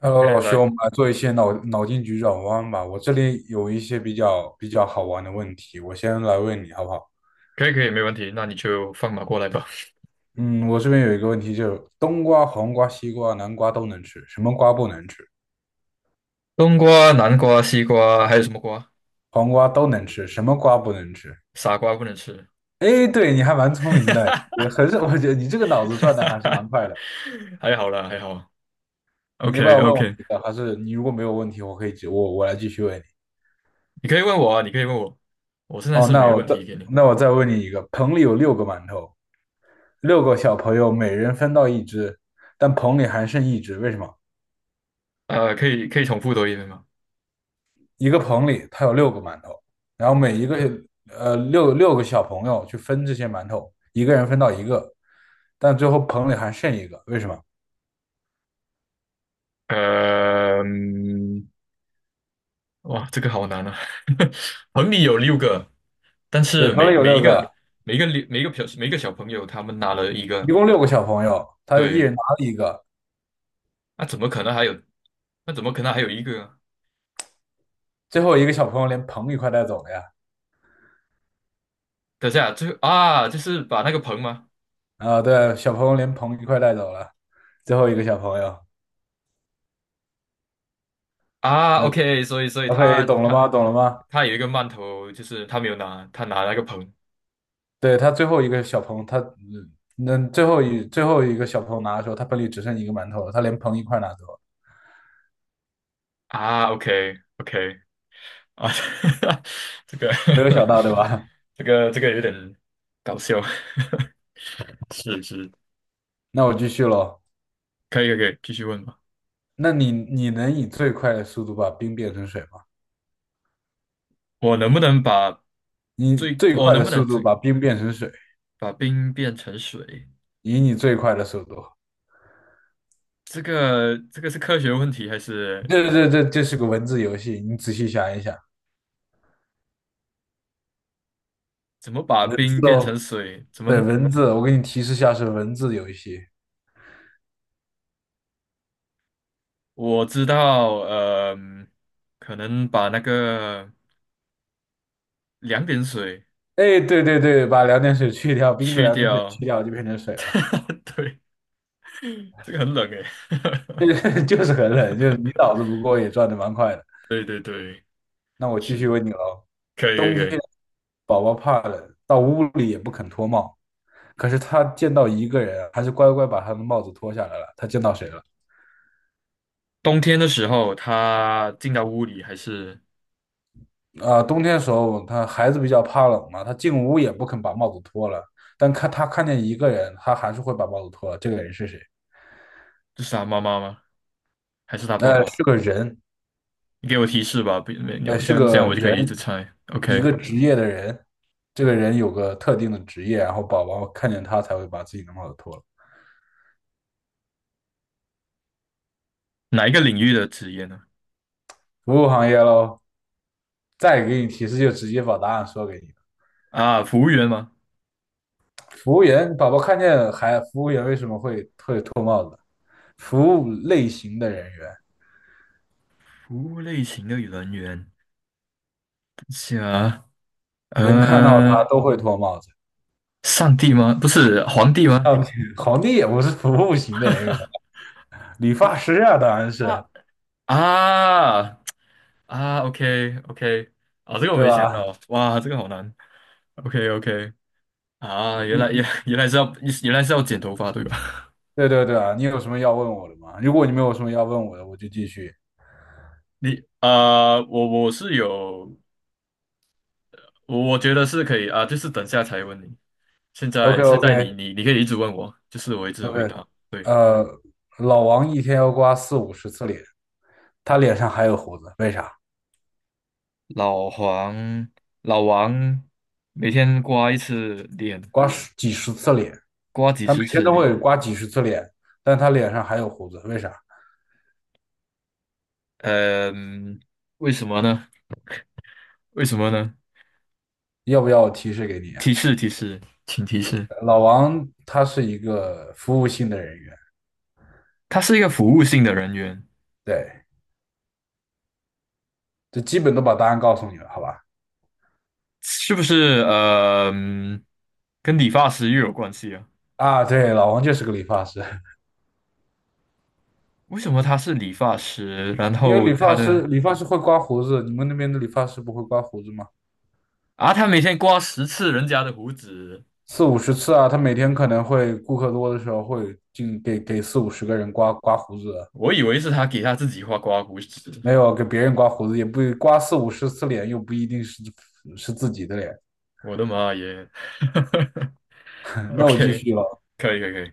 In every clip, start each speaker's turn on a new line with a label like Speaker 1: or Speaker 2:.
Speaker 1: Hello，
Speaker 2: OK,
Speaker 1: 老兄，
Speaker 2: 来，
Speaker 1: 我们来做一些脑筋急转弯吧。我这里有一些比较好玩的问题，我先来问你好不好？
Speaker 2: 可以，没问题，那你就放马过来吧。
Speaker 1: 嗯，我这边有一个问题，就是冬瓜、黄瓜、西瓜、南瓜都能吃，什么瓜不能吃？
Speaker 2: 冬瓜、南瓜、西瓜，还有什么瓜？
Speaker 1: 黄瓜都能吃，什么瓜不能吃？
Speaker 2: 傻瓜不能吃。
Speaker 1: 哎，对，你还蛮聪明的，也很少，我觉得你这个脑子转的还是 蛮快的。
Speaker 2: 还好啦，还好。
Speaker 1: 你要不
Speaker 2: OK
Speaker 1: 要问我
Speaker 2: OK,
Speaker 1: 一个？还是你如果没有问题，我可以我来继续问你。
Speaker 2: 你可以问我啊，你可以问我，我现在
Speaker 1: 哦，
Speaker 2: 是
Speaker 1: 那
Speaker 2: 没
Speaker 1: 我
Speaker 2: 问
Speaker 1: 再
Speaker 2: 题给你。
Speaker 1: 那我再问你一个，棚里有六个馒头，六个小朋友每人分到一只，但棚里还剩一只。为什么？
Speaker 2: 可以重复多一遍吗？
Speaker 1: 一个棚里它有六个馒头，然后每一个呃六六个小朋友去分这些馒头，一个人分到一个，但最后棚里还剩一个。为什么？
Speaker 2: 呃，嗯哇，这个好难啊！棚里有六个，但
Speaker 1: 对，
Speaker 2: 是
Speaker 1: 棚里
Speaker 2: 每
Speaker 1: 有
Speaker 2: 每一
Speaker 1: 六个，
Speaker 2: 个每一个六每一个小每一个小朋友他们拿了一个，
Speaker 1: 一共六个小朋友，他一
Speaker 2: 对，
Speaker 1: 人拿了一个，
Speaker 2: 那怎么可能还有？那怎么可能还有一个啊？
Speaker 1: 最后一个小朋友连棚一块带走了呀。
Speaker 2: 等下，最后啊，就是把那个盆吗？
Speaker 1: 啊，对，小朋友连棚一块带走了，最后一个小朋友，
Speaker 2: 啊
Speaker 1: 嗯
Speaker 2: ，OK,所以所以
Speaker 1: ，OK，
Speaker 2: 他
Speaker 1: 懂了
Speaker 2: 他
Speaker 1: 吗？懂了吗？
Speaker 2: 他有一个曼头，就是他没有拿，他拿那个盆。
Speaker 1: 对，他最后一个小朋友，他那最后一个小朋友拿的时候，他本里只剩一个馒头了他连盆一块拿走了，
Speaker 2: 啊，OK OK。 啊，这个
Speaker 1: 没有想到对吧？
Speaker 2: 这个有点搞笑，是是，
Speaker 1: 那我继续喽。
Speaker 2: 可以，继续问吧。
Speaker 1: 那你能以最快的速度把冰变成水吗？
Speaker 2: 我能不能把
Speaker 1: 你
Speaker 2: 最
Speaker 1: 最
Speaker 2: 我
Speaker 1: 快
Speaker 2: 能
Speaker 1: 的
Speaker 2: 不
Speaker 1: 速
Speaker 2: 能
Speaker 1: 度
Speaker 2: 最
Speaker 1: 把冰变成水，
Speaker 2: 把冰变成水？
Speaker 1: 以你最快的速度。
Speaker 2: 这个是科学问题还是
Speaker 1: 对对这是个文字游戏，你仔细想一想，
Speaker 2: 怎么把
Speaker 1: 文
Speaker 2: 冰
Speaker 1: 字
Speaker 2: 变成
Speaker 1: 哦，
Speaker 2: 水？怎么
Speaker 1: 对，文字，我给你提示一下是文字游戏。
Speaker 2: 我知道，可能把那个两点水
Speaker 1: 哎，对对对，把两点水去掉，冰的
Speaker 2: 去
Speaker 1: 两点水
Speaker 2: 掉。
Speaker 1: 去掉就变成水了。
Speaker 2: 对，这个很冷诶。
Speaker 1: 就是很冷，就是你脑子 不过也转的蛮快的。
Speaker 2: 对对对，
Speaker 1: 那我继续
Speaker 2: 是，
Speaker 1: 问你喽，
Speaker 2: 可以可以
Speaker 1: 冬
Speaker 2: 可
Speaker 1: 天
Speaker 2: 以。
Speaker 1: 宝宝怕冷，到屋里也不肯脱帽，可是他见到一个人啊，还是乖乖把他的帽子脱下来了。他见到谁了？
Speaker 2: 冬天的时候，他进到屋里还是
Speaker 1: 啊、冬天的时候，他孩子比较怕冷嘛，他进屋也不肯把帽子脱了。但他看见一个人，他还是会把帽子脱了。这个人是谁？
Speaker 2: 就是他妈妈吗？还是他爸
Speaker 1: 是
Speaker 2: 爸？
Speaker 1: 个人，
Speaker 2: 你给我提示吧，不没
Speaker 1: 哎，
Speaker 2: 有这
Speaker 1: 是
Speaker 2: 样这
Speaker 1: 个
Speaker 2: 样我就可
Speaker 1: 人，
Speaker 2: 以一直猜。
Speaker 1: 一
Speaker 2: OK,
Speaker 1: 个职业的人，这个人有个特定的职业，然后宝宝看见他才会把自己的帽子脱了。
Speaker 2: 哪一个领域的职业呢？
Speaker 1: 服务行业喽，再给你提示就直接把答案说给你了。
Speaker 2: 啊，服务员吗？
Speaker 1: 服务员，宝宝看见还服务员为什么会服务类型的人员，
Speaker 2: 服务类型的人员。等一下啊，
Speaker 1: 人看到
Speaker 2: 嗯
Speaker 1: 他
Speaker 2: 呃，
Speaker 1: 都会脱帽子。
Speaker 2: 上帝吗？不是皇帝吗？
Speaker 1: 上帝，皇帝也不是服务型的人员，理
Speaker 2: 不
Speaker 1: 发
Speaker 2: 是，
Speaker 1: 师啊，当然是，
Speaker 2: 啊，啊，啊！OK OK,啊，这个我
Speaker 1: 对
Speaker 2: 没想
Speaker 1: 吧？
Speaker 2: 到，哇，这个好难。OK OK,啊，原来也
Speaker 1: 你
Speaker 2: 原来是要原来是要剪头发对吧？
Speaker 1: 对对对啊，你有什么要问我的吗？如果你没有什么要问我的，我就继续。
Speaker 2: 你啊、我是有，我觉得是可以啊，就是等下才问你。现
Speaker 1: OK
Speaker 2: 在现在你
Speaker 1: OK。
Speaker 2: 你你可以一直问我，就是我一直回
Speaker 1: OK，
Speaker 2: 答。对，
Speaker 1: 呃，老王一天要刮四五十次脸，他脸上还有胡子，为啥？
Speaker 2: 老黄老王每天刮一次脸，
Speaker 1: 刮十几十次脸，
Speaker 2: 刮几
Speaker 1: 他每
Speaker 2: 十
Speaker 1: 天
Speaker 2: 次
Speaker 1: 都
Speaker 2: 脸。
Speaker 1: 会刮几十次脸，但他脸上还有胡子，为啥？
Speaker 2: 嗯，为什么呢？为什么呢？
Speaker 1: 要不要我提示给你啊？
Speaker 2: 提示提示，请提示。
Speaker 1: 老王他是一个服务性的人员，
Speaker 2: 他是一个服务性的人员，
Speaker 1: 对，这基本都把答案告诉你了，好吧？
Speaker 2: 是不是？跟理发师又有关系啊？
Speaker 1: 啊，对，老王就是个理发师，
Speaker 2: 为什么他是理发师？然
Speaker 1: 因为
Speaker 2: 后
Speaker 1: 理
Speaker 2: 他
Speaker 1: 发
Speaker 2: 的
Speaker 1: 师理发师会刮胡子，你们那边的理发师不会刮胡子吗？
Speaker 2: 啊，他每天刮十次人家的胡子，
Speaker 1: 四五十次啊，他每天可能会顾客多的时候会进给四五十个人刮刮胡子，
Speaker 2: 我以为是他给他自己画刮胡子。
Speaker 1: 没有给别人刮胡子，也不刮四五十次脸，又不一定是自己的脸。
Speaker 2: 我的妈耶
Speaker 1: 那我继
Speaker 2: ！OK,
Speaker 1: 续了，
Speaker 2: 可以可以可以，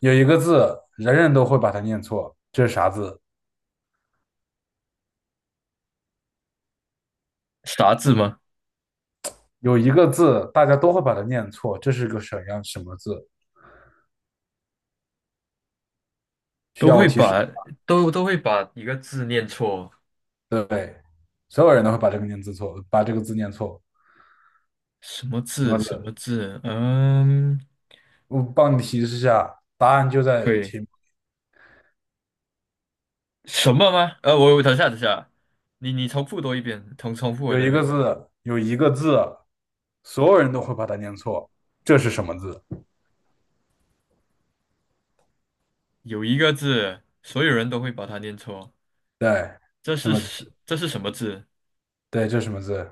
Speaker 1: 有一个字人人都会把它念错，这是啥字？
Speaker 2: 啥字吗？
Speaker 1: 有一个字大家都会把它念错，这是个什么字？需
Speaker 2: 都
Speaker 1: 要我
Speaker 2: 会
Speaker 1: 提示？
Speaker 2: 把都会把一个字念错，
Speaker 1: 对，所有人都会把这个念字错，把这个字念错。
Speaker 2: 什么
Speaker 1: 什
Speaker 2: 字
Speaker 1: 么
Speaker 2: 什么
Speaker 1: 字？
Speaker 2: 字？嗯，
Speaker 1: 我帮你提示一下，答案就在
Speaker 2: 可以。
Speaker 1: 题。
Speaker 2: 什么吗？我等下，你重复多一遍，重复我
Speaker 1: 有
Speaker 2: 多一
Speaker 1: 一个
Speaker 2: 遍。
Speaker 1: 字，有一个字，所有人都会把它念错。这是什么字？
Speaker 2: 有一个字，所有人都会把它念错，
Speaker 1: 对，
Speaker 2: 这
Speaker 1: 什
Speaker 2: 是
Speaker 1: 么字？
Speaker 2: 是这是什么字？
Speaker 1: 对，这是什么字？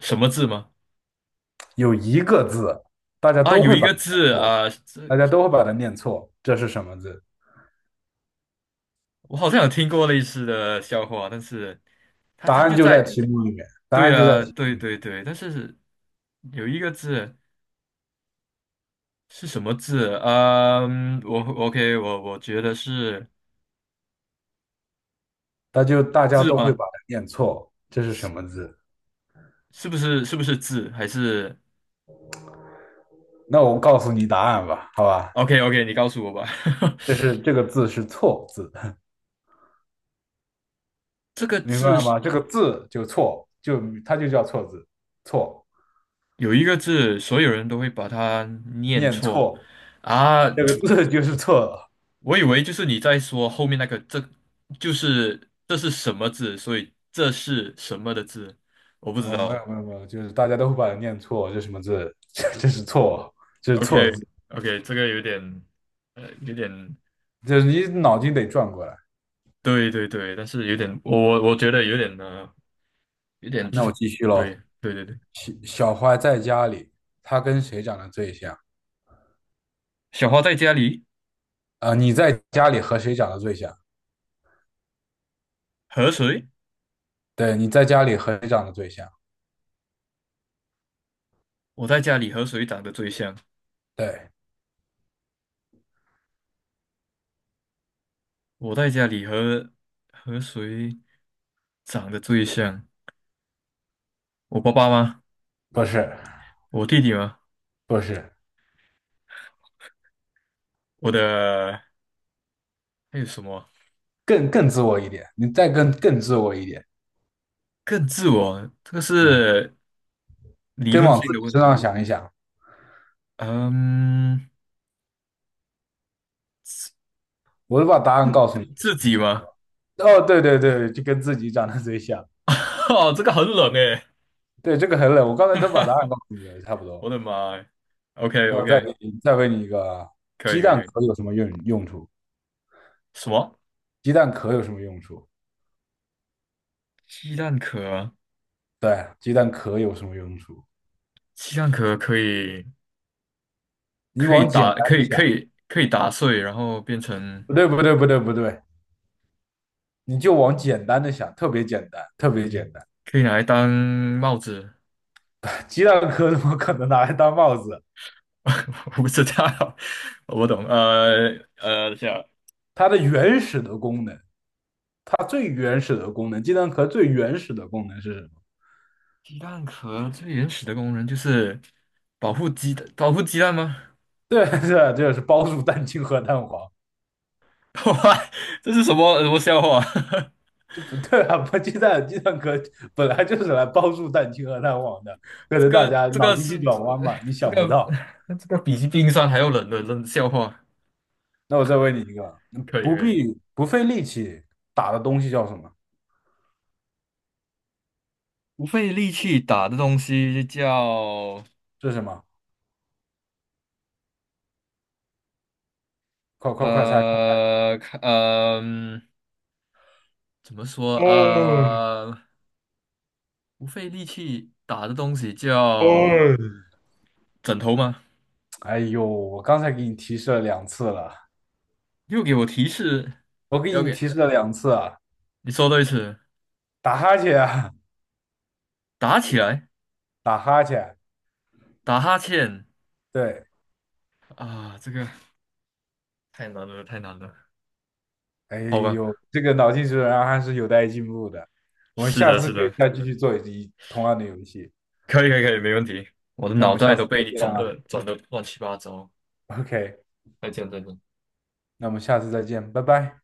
Speaker 2: 什么字吗？
Speaker 1: 有一个字，大家
Speaker 2: 啊，
Speaker 1: 都
Speaker 2: 有
Speaker 1: 会
Speaker 2: 一
Speaker 1: 把
Speaker 2: 个
Speaker 1: 它念
Speaker 2: 字
Speaker 1: 错，
Speaker 2: 啊，这
Speaker 1: 大家都会把它念错。这是什么字？
Speaker 2: 我好像有听过类似的笑话，但是它
Speaker 1: 答
Speaker 2: 它
Speaker 1: 案
Speaker 2: 就
Speaker 1: 就在
Speaker 2: 在，
Speaker 1: 题目里面，答
Speaker 2: 对
Speaker 1: 案就在
Speaker 2: 啊，
Speaker 1: 题目
Speaker 2: 对
Speaker 1: 里面，
Speaker 2: 对对，但是有一个字是什么字？嗯，我 OK,我觉得是
Speaker 1: 大家
Speaker 2: 字
Speaker 1: 都会
Speaker 2: 吗？
Speaker 1: 把它念错。这是什么字？
Speaker 2: 是不是字？还是
Speaker 1: 那我告诉你答案吧，好吧？
Speaker 2: OK OK,你告诉我吧。
Speaker 1: 这个字是错字，
Speaker 2: 这个
Speaker 1: 明白
Speaker 2: 字
Speaker 1: 了
Speaker 2: 是。
Speaker 1: 吗？这个字就错，它就叫错字，错，
Speaker 2: 有一个字，所有人都会把它念
Speaker 1: 念
Speaker 2: 错
Speaker 1: 错，
Speaker 2: 啊！
Speaker 1: 这个字就是错。了。
Speaker 2: 我以为就是你在说后面那个，这是什么字，所以这是什么的字，我不知
Speaker 1: 哦，没
Speaker 2: 道。
Speaker 1: 有没有没有，就是大家都会把它念错，这什么字？这是错，这是
Speaker 2: OK
Speaker 1: 错字，
Speaker 2: OK,这个有点有点
Speaker 1: 就是你脑筋得转过来。
Speaker 2: 对对对，但是有点我觉得有点有点就
Speaker 1: 那我
Speaker 2: 是
Speaker 1: 继续
Speaker 2: 对
Speaker 1: 喽。
Speaker 2: 对对对。
Speaker 1: 小花在家里，她跟谁长得最像？
Speaker 2: 小花在家里
Speaker 1: 啊、你在家里和谁长得最像？
Speaker 2: 和谁？
Speaker 1: 对，你在家里和谁长得最像？
Speaker 2: 我在家里和谁长得最像？
Speaker 1: 对，
Speaker 2: 我在家里和谁长得最像？我爸爸吗？
Speaker 1: 不是
Speaker 2: 我弟弟吗？
Speaker 1: 不是，
Speaker 2: 我的还有什么
Speaker 1: 更自我一点，你再更自我一点，
Speaker 2: 更自我？这个
Speaker 1: 嗯，
Speaker 2: 是理
Speaker 1: 更
Speaker 2: 论
Speaker 1: 往
Speaker 2: 性
Speaker 1: 自
Speaker 2: 的
Speaker 1: 己
Speaker 2: 问
Speaker 1: 身上
Speaker 2: 题。
Speaker 1: 想一想。
Speaker 2: 嗯，自
Speaker 1: 我都把答案告诉你了，
Speaker 2: 自
Speaker 1: 行面
Speaker 2: 己
Speaker 1: 差不多。
Speaker 2: 吗？
Speaker 1: 哦，对对对，就跟自己长得最像。
Speaker 2: 哦，这个很冷诶，
Speaker 1: 对，这个很冷，我刚才都把答案 告诉你了，差不多。
Speaker 2: 我的妈呀 o k
Speaker 1: 那我再
Speaker 2: OK,
Speaker 1: 给你，再问你一个啊，
Speaker 2: 可以
Speaker 1: 鸡
Speaker 2: 可以。
Speaker 1: 蛋
Speaker 2: 可以
Speaker 1: 壳有什么用处？
Speaker 2: 什么？
Speaker 1: 鸡蛋壳有什么用处？
Speaker 2: 鸡蛋壳啊？
Speaker 1: 对啊，鸡蛋壳有什么用处？
Speaker 2: 鸡蛋壳可以
Speaker 1: 你
Speaker 2: 可以
Speaker 1: 往简
Speaker 2: 打
Speaker 1: 单
Speaker 2: 可
Speaker 1: 的
Speaker 2: 以
Speaker 1: 想，
Speaker 2: 可以可以打碎，然后变成
Speaker 1: 不对，不对，不对，不对，你就往简单的想，特别简单，特别简单。
Speaker 2: 可以拿来当帽子。
Speaker 1: 鸡蛋壳怎么可能拿来当帽子？
Speaker 2: 我不知道，我不懂。这一下
Speaker 1: 它的原始的功能，它最原始的功能，鸡蛋壳最原始的功能是什么？
Speaker 2: 鸡蛋壳最原始的功能就是保护鸡蛋吗？
Speaker 1: 对，对，就是包住蛋清和蛋黄。
Speaker 2: 哇，这是什么什么笑话？
Speaker 1: 这不对啊！不，鸡蛋壳本来就是来帮助蛋清和蛋黄的，可
Speaker 2: 这
Speaker 1: 能大
Speaker 2: 个
Speaker 1: 家
Speaker 2: 这
Speaker 1: 脑
Speaker 2: 个
Speaker 1: 筋
Speaker 2: 是
Speaker 1: 急转
Speaker 2: 这
Speaker 1: 弯嘛，你
Speaker 2: 这
Speaker 1: 想不
Speaker 2: 个
Speaker 1: 到。
Speaker 2: 这个比冰山还要冷的冷笑话，
Speaker 1: 那我再问你一个，
Speaker 2: 可以可以。
Speaker 1: 不费力气打的东西叫什么？
Speaker 2: 不费力气打的东西叫
Speaker 1: 是什么？快快快猜！
Speaker 2: 呃看呃嗯怎么说
Speaker 1: 哦
Speaker 2: 呃不费力气打的东西叫
Speaker 1: 哦，
Speaker 2: 枕头吗？
Speaker 1: 哎呦，我刚才给你提示了两次了，
Speaker 2: 又给我提示，
Speaker 1: 我给
Speaker 2: 要
Speaker 1: 你
Speaker 2: 给
Speaker 1: 提示了两次啊！
Speaker 2: 你说多一次，
Speaker 1: 打哈欠啊，
Speaker 2: 打起来。
Speaker 1: 打哈欠。
Speaker 2: 打哈欠
Speaker 1: 对，
Speaker 2: 啊，这个太难了，太难了。
Speaker 1: 哎
Speaker 2: 好吧，
Speaker 1: 呦，这个脑筋急转弯还是有待进步的。我们
Speaker 2: 是
Speaker 1: 下
Speaker 2: 的，
Speaker 1: 次
Speaker 2: 是
Speaker 1: 可以
Speaker 2: 的，
Speaker 1: 再继续做一同样的游戏。
Speaker 2: 可以，可以，可以，没问题。我的
Speaker 1: 那我
Speaker 2: 脑
Speaker 1: 们
Speaker 2: 袋
Speaker 1: 下
Speaker 2: 都
Speaker 1: 次再
Speaker 2: 被你
Speaker 1: 见
Speaker 2: 转的
Speaker 1: 啊。
Speaker 2: 转的乱七八糟。
Speaker 1: OK，
Speaker 2: 再见，再见。
Speaker 1: 那我们下次再见，拜拜。